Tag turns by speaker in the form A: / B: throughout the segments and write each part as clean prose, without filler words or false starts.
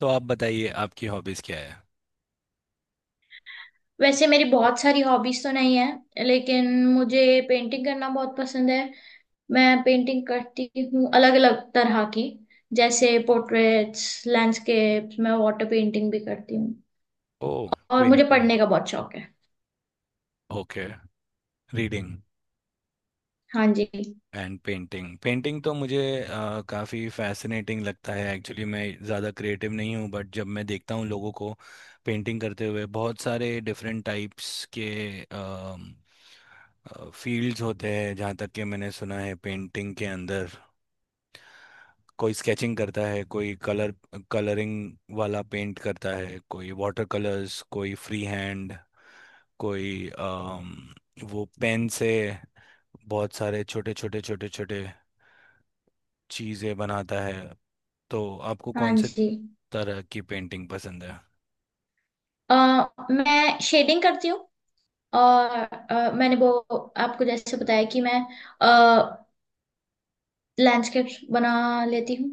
A: तो आप बताइए आपकी हॉबीज क्या है।
B: वैसे मेरी बहुत सारी हॉबीज तो नहीं है लेकिन मुझे पेंटिंग करना बहुत पसंद है। मैं पेंटिंग करती हूँ अलग अलग तरह की, जैसे पोर्ट्रेट्स, लैंडस्केप्स, मैं वाटर पेंटिंग भी करती हूँ।
A: ओ,
B: और मुझे
A: पेंटिंग,
B: पढ़ने का बहुत शौक है।
A: ओके, रीडिंग
B: हाँ जी।
A: And painting. पेंटिंग तो मुझे काफ़ी फैसिनेटिंग लगता है। एक्चुअली मैं ज़्यादा क्रिएटिव नहीं हूँ बट जब मैं देखता हूँ लोगों को पेंटिंग करते हुए, बहुत सारे डिफरेंट टाइप्स के फील्ड्स होते हैं, जहाँ तक कि मैंने सुना है पेंटिंग के अंदर कोई स्केचिंग करता है, कोई कलर कलरिंग वाला पेंट करता है, कोई वाटर कलर्स, कोई फ्री हैंड, कोई वो पेन से बहुत सारे छोटे छोटे छोटे छोटे चीज़ें बनाता है। तो आपको
B: हाँ
A: कौन से
B: जी।
A: तरह की पेंटिंग पसंद है?
B: अ, मैं शेडिंग करती हूँ। और मैंने वो आपको जैसे बताया कि मैं लैंडस्केप्स बना लेती हूँ।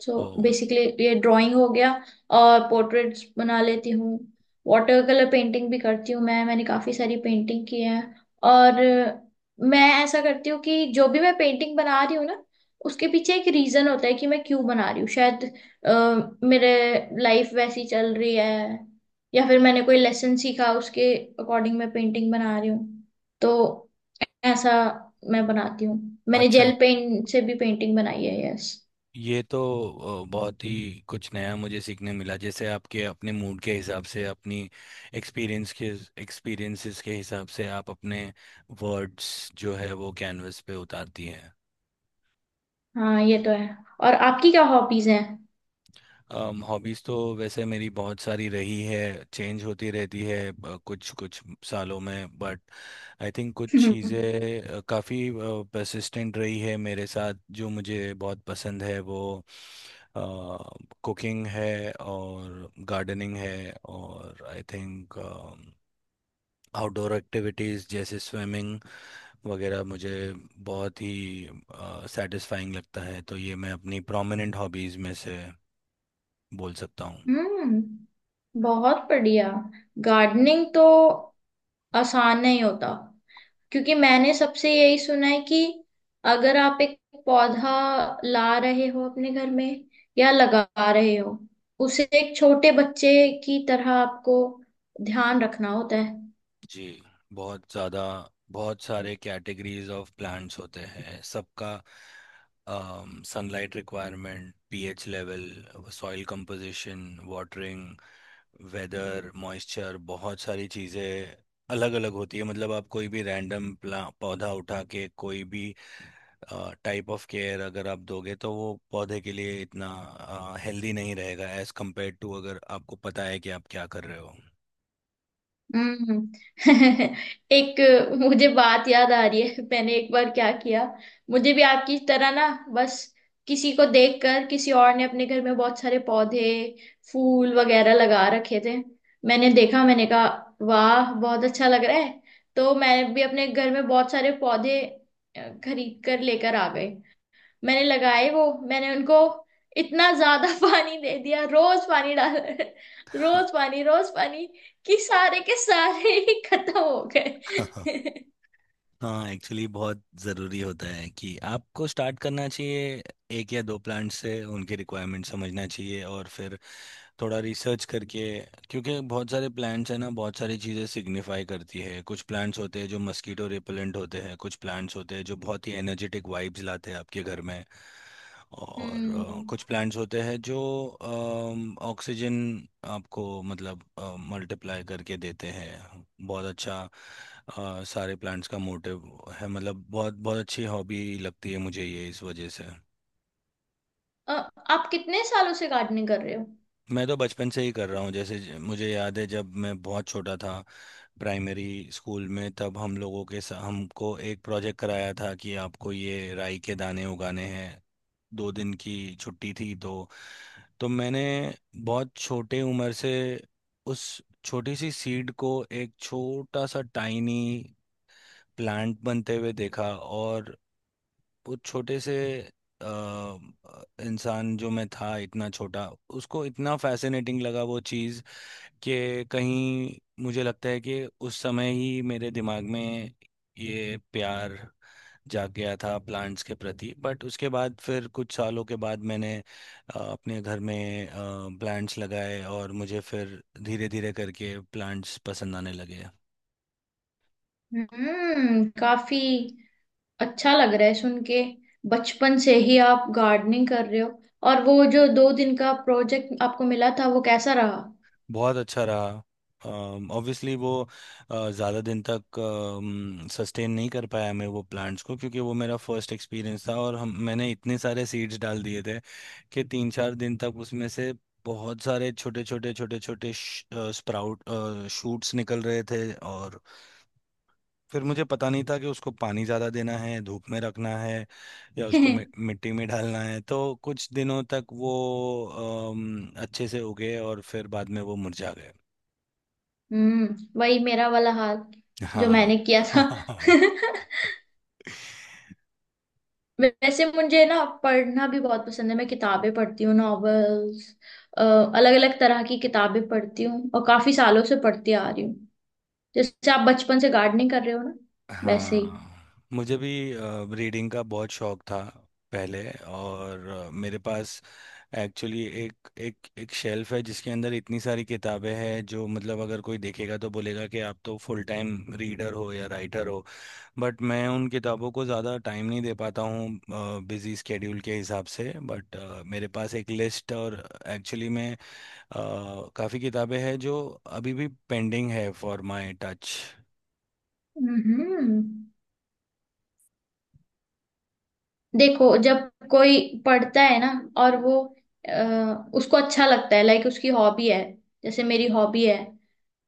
B: सो
A: ओ,
B: बेसिकली ये ड्राइंग हो गया। और पोर्ट्रेट्स बना लेती हूँ। वाटर कलर पेंटिंग भी करती हूँ मैं। मैंने काफ़ी सारी पेंटिंग की है। और मैं ऐसा करती हूँ कि जो भी मैं पेंटिंग बना रही हूँ ना, उसके पीछे एक रीज़न होता है कि मैं क्यों बना रही हूँ। शायद मेरे लाइफ वैसी चल रही है, या फिर मैंने कोई लेसन सीखा, उसके अकॉर्डिंग मैं पेंटिंग बना रही हूँ। तो ऐसा मैं बनाती हूँ। मैंने
A: अच्छा,
B: जेल पेन से भी पेंटिंग बनाई है। यस।
A: ये तो बहुत ही कुछ नया मुझे सीखने मिला। जैसे आपके अपने मूड के हिसाब से, अपनी एक्सपीरियंस के एक्सपीरियंसेस के हिसाब से आप अपने वर्ड्स जो है वो कैनवस पे उतारती हैं।
B: हाँ, ये तो है। और आपकी क्या हॉबीज हैं?
A: हॉबीज़ तो वैसे मेरी बहुत सारी रही है, चेंज होती रहती है कुछ कुछ सालों में, बट आई थिंक कुछ चीज़ें काफ़ी परसिस्टेंट रही है मेरे साथ। जो मुझे बहुत पसंद है वो कुकिंग है और गार्डनिंग है, और आई थिंक आउटडोर एक्टिविटीज़ जैसे स्विमिंग वगैरह मुझे बहुत ही सेटिस्फाइंग लगता है। तो ये मैं अपनी प्रोमिनेंट हॉबीज़ में से बोल सकता हूँ।
B: हम्म। बहुत बढ़िया। गार्डनिंग तो आसान नहीं होता, क्योंकि मैंने सबसे यही सुना है कि अगर आप एक पौधा ला रहे हो अपने घर में, या लगा रहे हो, उसे एक छोटे बच्चे की तरह आपको ध्यान रखना होता है।
A: जी, बहुत ज़्यादा। बहुत सारे कैटेगरीज ऑफ प्लांट्स होते हैं, सबका sunlight requirement, pH level, soil composition, watering, weather, moisture, बहुत सारी चीज़ें अलग अलग होती है। मतलब आप कोई भी रैंडम प्ला पौधा उठा के कोई भी टाइप ऑफ केयर अगर आप दोगे तो वो पौधे के लिए इतना हेल्दी नहीं रहेगा एज कंपेयर टू अगर आपको पता है कि आप क्या कर रहे हो।
B: हम्म। एक, मुझे बात याद आ रही है, मैंने एक बार क्या किया। मुझे भी आपकी तरह ना, बस किसी को देखकर किसी और ने अपने घर में बहुत सारे पौधे, फूल वगैरह लगा रखे थे। मैंने देखा, मैंने कहा वाह बहुत अच्छा लग रहा है। तो मैं भी अपने घर में बहुत सारे पौधे खरीद कर लेकर आ गए। मैंने लगाए वो, मैंने उनको इतना ज्यादा पानी दे दिया, रोज पानी डाल रोज पानी, रोज पानी, कि सारे के सारे ही खत्म हो गए।
A: हाँ, एक्चुअली बहुत ज़रूरी होता है कि आपको स्टार्ट करना चाहिए एक या दो प्लांट से, उनकी रिक्वायरमेंट समझना चाहिए और फिर थोड़ा रिसर्च करके। क्योंकि बहुत सारे प्लांट्स हैं ना, बहुत सारी चीज़ें सिग्निफाई करती है। कुछ प्लांट्स होते हैं जो मस्कीटो रिपेलेंट होते हैं, कुछ प्लांट्स होते हैं जो बहुत ही एनर्जेटिक वाइब्स लाते हैं आपके घर में, और
B: हम्म।
A: कुछ प्लांट्स होते हैं जो ऑक्सीजन आपको मतलब मल्टीप्लाई करके देते हैं। बहुत अच्छा सारे प्लांट्स का मोटिव है। मतलब बहुत बहुत अच्छी हॉबी लगती है मुझे ये इस वजह से।
B: अ, आप कितने सालों से गार्डनिंग कर रहे हो?
A: मैं तो बचपन से ही कर रहा हूँ। जैसे मुझे याद है जब मैं बहुत छोटा था, प्राइमरी स्कूल में, तब हम लोगों के हमको एक प्रोजेक्ट कराया था कि आपको ये राई के दाने उगाने हैं। दो दिन की छुट्टी थी तो मैंने बहुत छोटे उम्र से उस छोटी सी सीड को एक छोटा सा टाइनी प्लांट बनते हुए देखा, और उस छोटे से अ, इंसान जो मैं था, इतना छोटा, उसको इतना फैसिनेटिंग लगा वो चीज़, कि कहीं मुझे लगता है कि उस समय ही मेरे दिमाग में ये प्यार जाग गया था प्लांट्स के प्रति। बट उसके बाद फिर कुछ सालों के बाद मैंने अपने घर में प्लांट्स लगाए और मुझे फिर धीरे धीरे करके प्लांट्स पसंद आने लगे।
B: हम्म, काफी अच्छा लग रहा है सुन के। बचपन से ही आप गार्डनिंग कर रहे हो, और वो जो दो दिन का प्रोजेक्ट आपको मिला था, वो कैसा रहा?
A: बहुत अच्छा रहा। ऑब्वियसली वो ज़्यादा दिन तक सस्टेन नहीं कर पाया मैं वो प्लांट्स को, क्योंकि वो मेरा फर्स्ट एक्सपीरियंस था, और हम मैंने इतने सारे सीड्स डाल दिए थे कि तीन चार दिन तक उसमें से बहुत सारे छोटे छोटे छोटे छोटे स्प्राउट शूट्स निकल रहे थे। और फिर मुझे पता नहीं था कि उसको पानी ज़्यादा देना है, धूप में रखना है, या उसको मि मिट्टी में डालना है। तो कुछ दिनों तक वो अच्छे से उगे और फिर बाद में वो मुरझा गए।
B: हम्म, वही मेरा वाला हाल जो
A: हाँ।
B: मैंने किया था। वैसे मुझे ना पढ़ना भी बहुत पसंद है, मैं किताबें पढ़ती हूँ, नॉवेल्स, अलग अलग तरह की किताबें पढ़ती हूँ, और काफी सालों से पढ़ती आ रही हूँ। जैसे आप बचपन से गार्डनिंग कर रहे हो ना, वैसे ही।
A: हाँ, मुझे भी रीडिंग का बहुत शौक था पहले, और मेरे पास एक्चुअली एक एक एक शेल्फ है जिसके अंदर इतनी सारी किताबें हैं जो मतलब अगर कोई देखेगा तो बोलेगा कि आप तो फुल टाइम रीडर हो या राइटर हो। बट मैं उन किताबों को ज़्यादा टाइम नहीं दे पाता हूँ बिजी स्केड्यूल के हिसाब से। बट मेरे पास एक लिस्ट और एक्चुअली मैं काफ़ी किताबें हैं जो अभी भी पेंडिंग है फॉर माई टच।
B: हम्म। देखो, जब कोई पढ़ता है ना, और वो उसको अच्छा लगता है, लाइक उसकी हॉबी है, जैसे मेरी हॉबी है,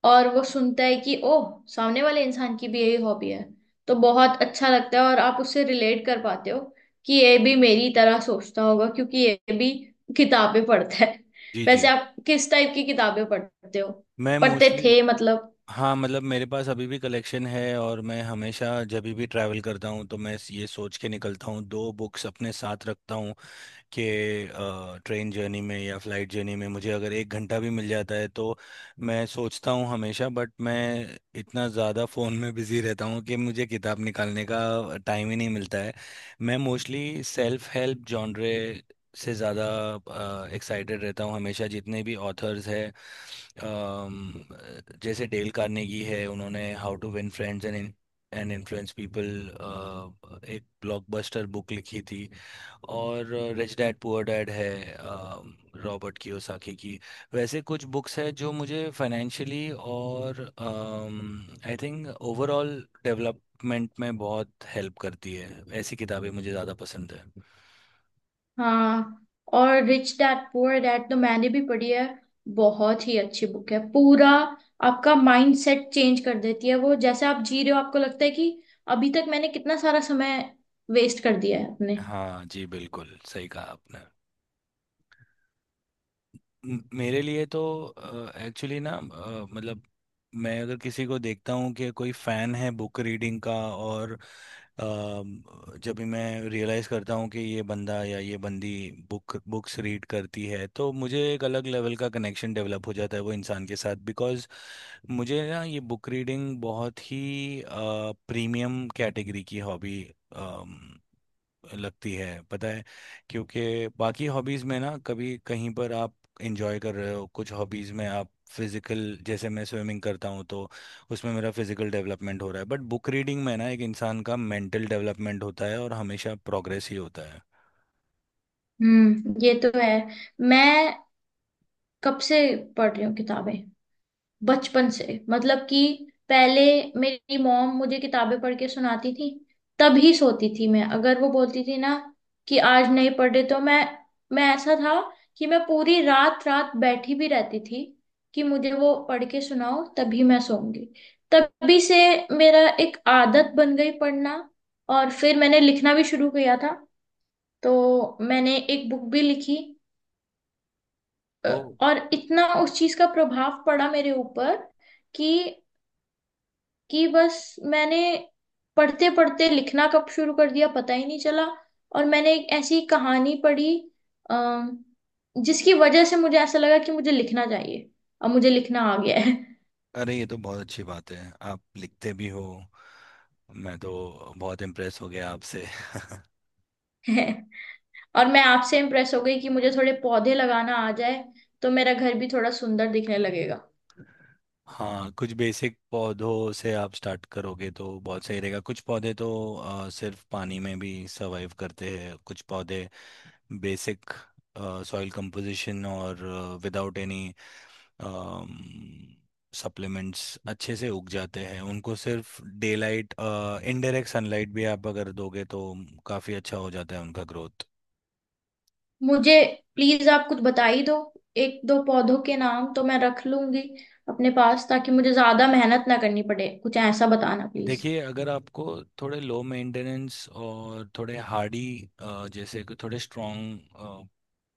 B: और वो सुनता है कि ओह सामने वाले इंसान की भी यही हॉबी है, तो बहुत अच्छा लगता है, और आप उससे रिलेट कर पाते हो कि ये भी मेरी तरह सोचता होगा क्योंकि ये भी किताबें पढ़ता है।
A: जी जी,
B: वैसे आप किस टाइप की किताबें पढ़ते हो?
A: मैं
B: पढ़ते
A: मोस्टली,
B: थे मतलब?
A: हाँ मतलब मेरे पास अभी भी कलेक्शन है, और मैं हमेशा जब भी ट्रैवल करता हूँ तो मैं ये सोच के निकलता हूँ, दो बुक्स अपने साथ रखता हूँ कि ट्रेन जर्नी में या फ्लाइट जर्नी में मुझे अगर एक घंटा भी मिल जाता है तो, मैं सोचता हूँ हमेशा। बट मैं इतना ज़्यादा फ़ोन में बिज़ी रहता हूँ कि मुझे किताब निकालने का टाइम ही नहीं मिलता है। मैं मोस्टली सेल्फ हेल्प जॉनरे से ज़्यादा एक्साइटेड रहता हूँ हमेशा। जितने भी ऑथर्स हैं, अम, जैसे डेल कार्नेगी है, उन्होंने how to win friends and and influence people एक ब्लॉकबस्टर बुक लिखी थी। और रिच डैड पुअर डैड है रॉबर्ट कियोसाकी की। वैसे कुछ बुक्स हैं जो मुझे फाइनेंशियली और आई थिंक ओवरऑल डेवलपमेंट में बहुत हेल्प करती है, ऐसी किताबें मुझे ज़्यादा पसंद है।
B: हाँ। और रिच डैड पुअर डैड तो मैंने भी पढ़ी है, बहुत ही अच्छी बुक है, पूरा आपका माइंड सेट चेंज कर देती है वो। जैसे आप जी रहे हो, आपको लगता है कि अभी तक मैंने कितना सारा समय वेस्ट कर दिया है अपने।
A: हाँ जी, बिल्कुल सही कहा आपने। मेरे लिए तो एक्चुअली ना मतलब मैं अगर किसी को देखता हूँ कि कोई फैन है बुक रीडिंग का, और जब भी मैं रियलाइज़ करता हूँ कि ये बंदा या ये बंदी बुक्स रीड करती है, तो मुझे एक अलग लेवल का कनेक्शन डेवलप हो जाता है वो इंसान के साथ। बिकॉज़ मुझे ना ये बुक रीडिंग बहुत ही प्रीमियम कैटेगरी की हॉबी लगती है, पता है? क्योंकि बाकी हॉबीज़ में ना कभी कहीं पर आप इंजॉय कर रहे हो, कुछ हॉबीज़ में आप फिजिकल, जैसे मैं स्विमिंग करता हूँ तो उसमें मेरा फिजिकल डेवलपमेंट हो रहा है, बट बुक रीडिंग में ना एक इंसान का मेंटल डेवलपमेंट होता है और हमेशा प्रोग्रेस ही होता है।
B: हम्म, ये तो है। मैं कब से पढ़ रही हूँ किताबें, बचपन से, मतलब कि पहले मेरी मॉम मुझे किताबें पढ़ के सुनाती थी, तभी सोती थी मैं, अगर वो बोलती थी ना कि आज नहीं पढ़ रहे, तो मैं ऐसा था कि मैं पूरी रात रात बैठी भी रहती थी कि मुझे वो पढ़ के सुनाओ, तभी मैं सोऊंगी। तभी से मेरा एक आदत बन गई पढ़ना। और फिर मैंने लिखना भी शुरू किया था, तो मैंने एक बुक भी लिखी। अ,
A: ओ,
B: और इतना उस चीज का प्रभाव पड़ा मेरे ऊपर कि कि बस मैंने पढ़ते पढ़ते लिखना कब शुरू कर दिया पता ही नहीं चला। और मैंने एक ऐसी कहानी पढ़ी, आ, जिसकी वजह से मुझे ऐसा लगा कि मुझे लिखना चाहिए, और मुझे लिखना आ गया
A: अरे, ये तो बहुत अच्छी बात है, आप लिखते भी हो। मैं तो बहुत इम्प्रेस हो गया आपसे।
B: है। और मैं आपसे इम्प्रेस हो गई कि मुझे थोड़े पौधे लगाना आ जाए, तो मेरा घर भी थोड़ा सुंदर दिखने लगेगा।
A: हाँ, कुछ बेसिक पौधों से आप स्टार्ट करोगे तो बहुत सही रहेगा। कुछ पौधे तो सिर्फ पानी में भी सर्वाइव करते हैं। कुछ पौधे बेसिक सॉइल कंपोजिशन और विदाउट एनी सप्लीमेंट्स अच्छे से उग जाते हैं, उनको सिर्फ डे लाइट, इनडायरेक्ट सनलाइट भी आप अगर दोगे तो काफ़ी अच्छा हो जाता है उनका ग्रोथ।
B: मुझे प्लीज आप कुछ बता ही दो, एक दो पौधों के नाम तो मैं रख लूंगी अपने पास, ताकि मुझे ज्यादा मेहनत ना करनी पड़े। कुछ ऐसा बताना प्लीज।
A: देखिए, अगर आपको थोड़े लो मेंटेनेंस और थोड़े हार्डी, जैसे कि थोड़े स्ट्रॉन्ग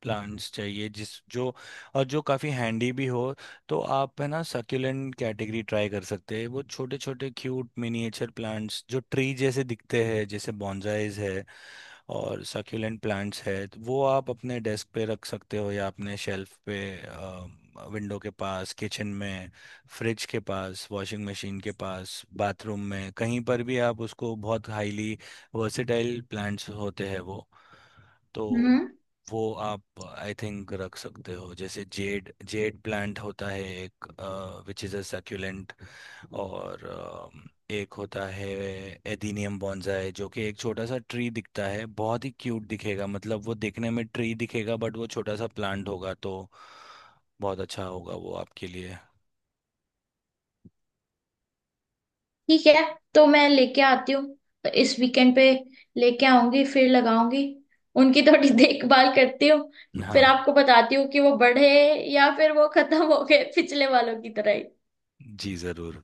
A: प्लांट्स चाहिए जिस जो, और जो काफ़ी हैंडी भी हो, तो आप है ना सक्यूलेंट कैटेगरी ट्राई कर सकते हैं। वो छोटे छोटे क्यूट मिनिएचर प्लांट्स जो ट्री जैसे दिखते हैं, जैसे बॉन्जाइज है और सक्यूलेंट प्लांट्स है, तो वो आप अपने डेस्क पे रख सकते हो, या अपने शेल्फ पे, विंडो के पास, किचन में, फ्रिज के पास, वॉशिंग मशीन के पास, बाथरूम में कहीं पर भी आप उसको, बहुत हाईली वर्सेटाइल प्लांट्स होते हैं वो। तो
B: हम्म,
A: वो आप आई थिंक रख सकते हो, जैसे जेड जेड प्लांट होता है एक, विच इज़ अ सक्यूलेंट। और एक होता है एदीनियम बॉन्जाई, जो कि एक छोटा सा ट्री दिखता है, बहुत ही क्यूट दिखेगा, मतलब वो देखने में ट्री दिखेगा बट वो छोटा सा प्लांट होगा, तो बहुत अच्छा होगा वो आपके लिए।
B: ठीक है, तो मैं लेके आती हूँ, तो इस वीकेंड पे लेके आऊंगी, फिर लगाऊंगी, उनकी थोड़ी देखभाल करती हूँ। फिर
A: हाँ
B: आपको बताती हूँ कि वो बढ़े, या फिर वो खत्म हो गए पिछले वालों की तरह ही।
A: जी, जरूर।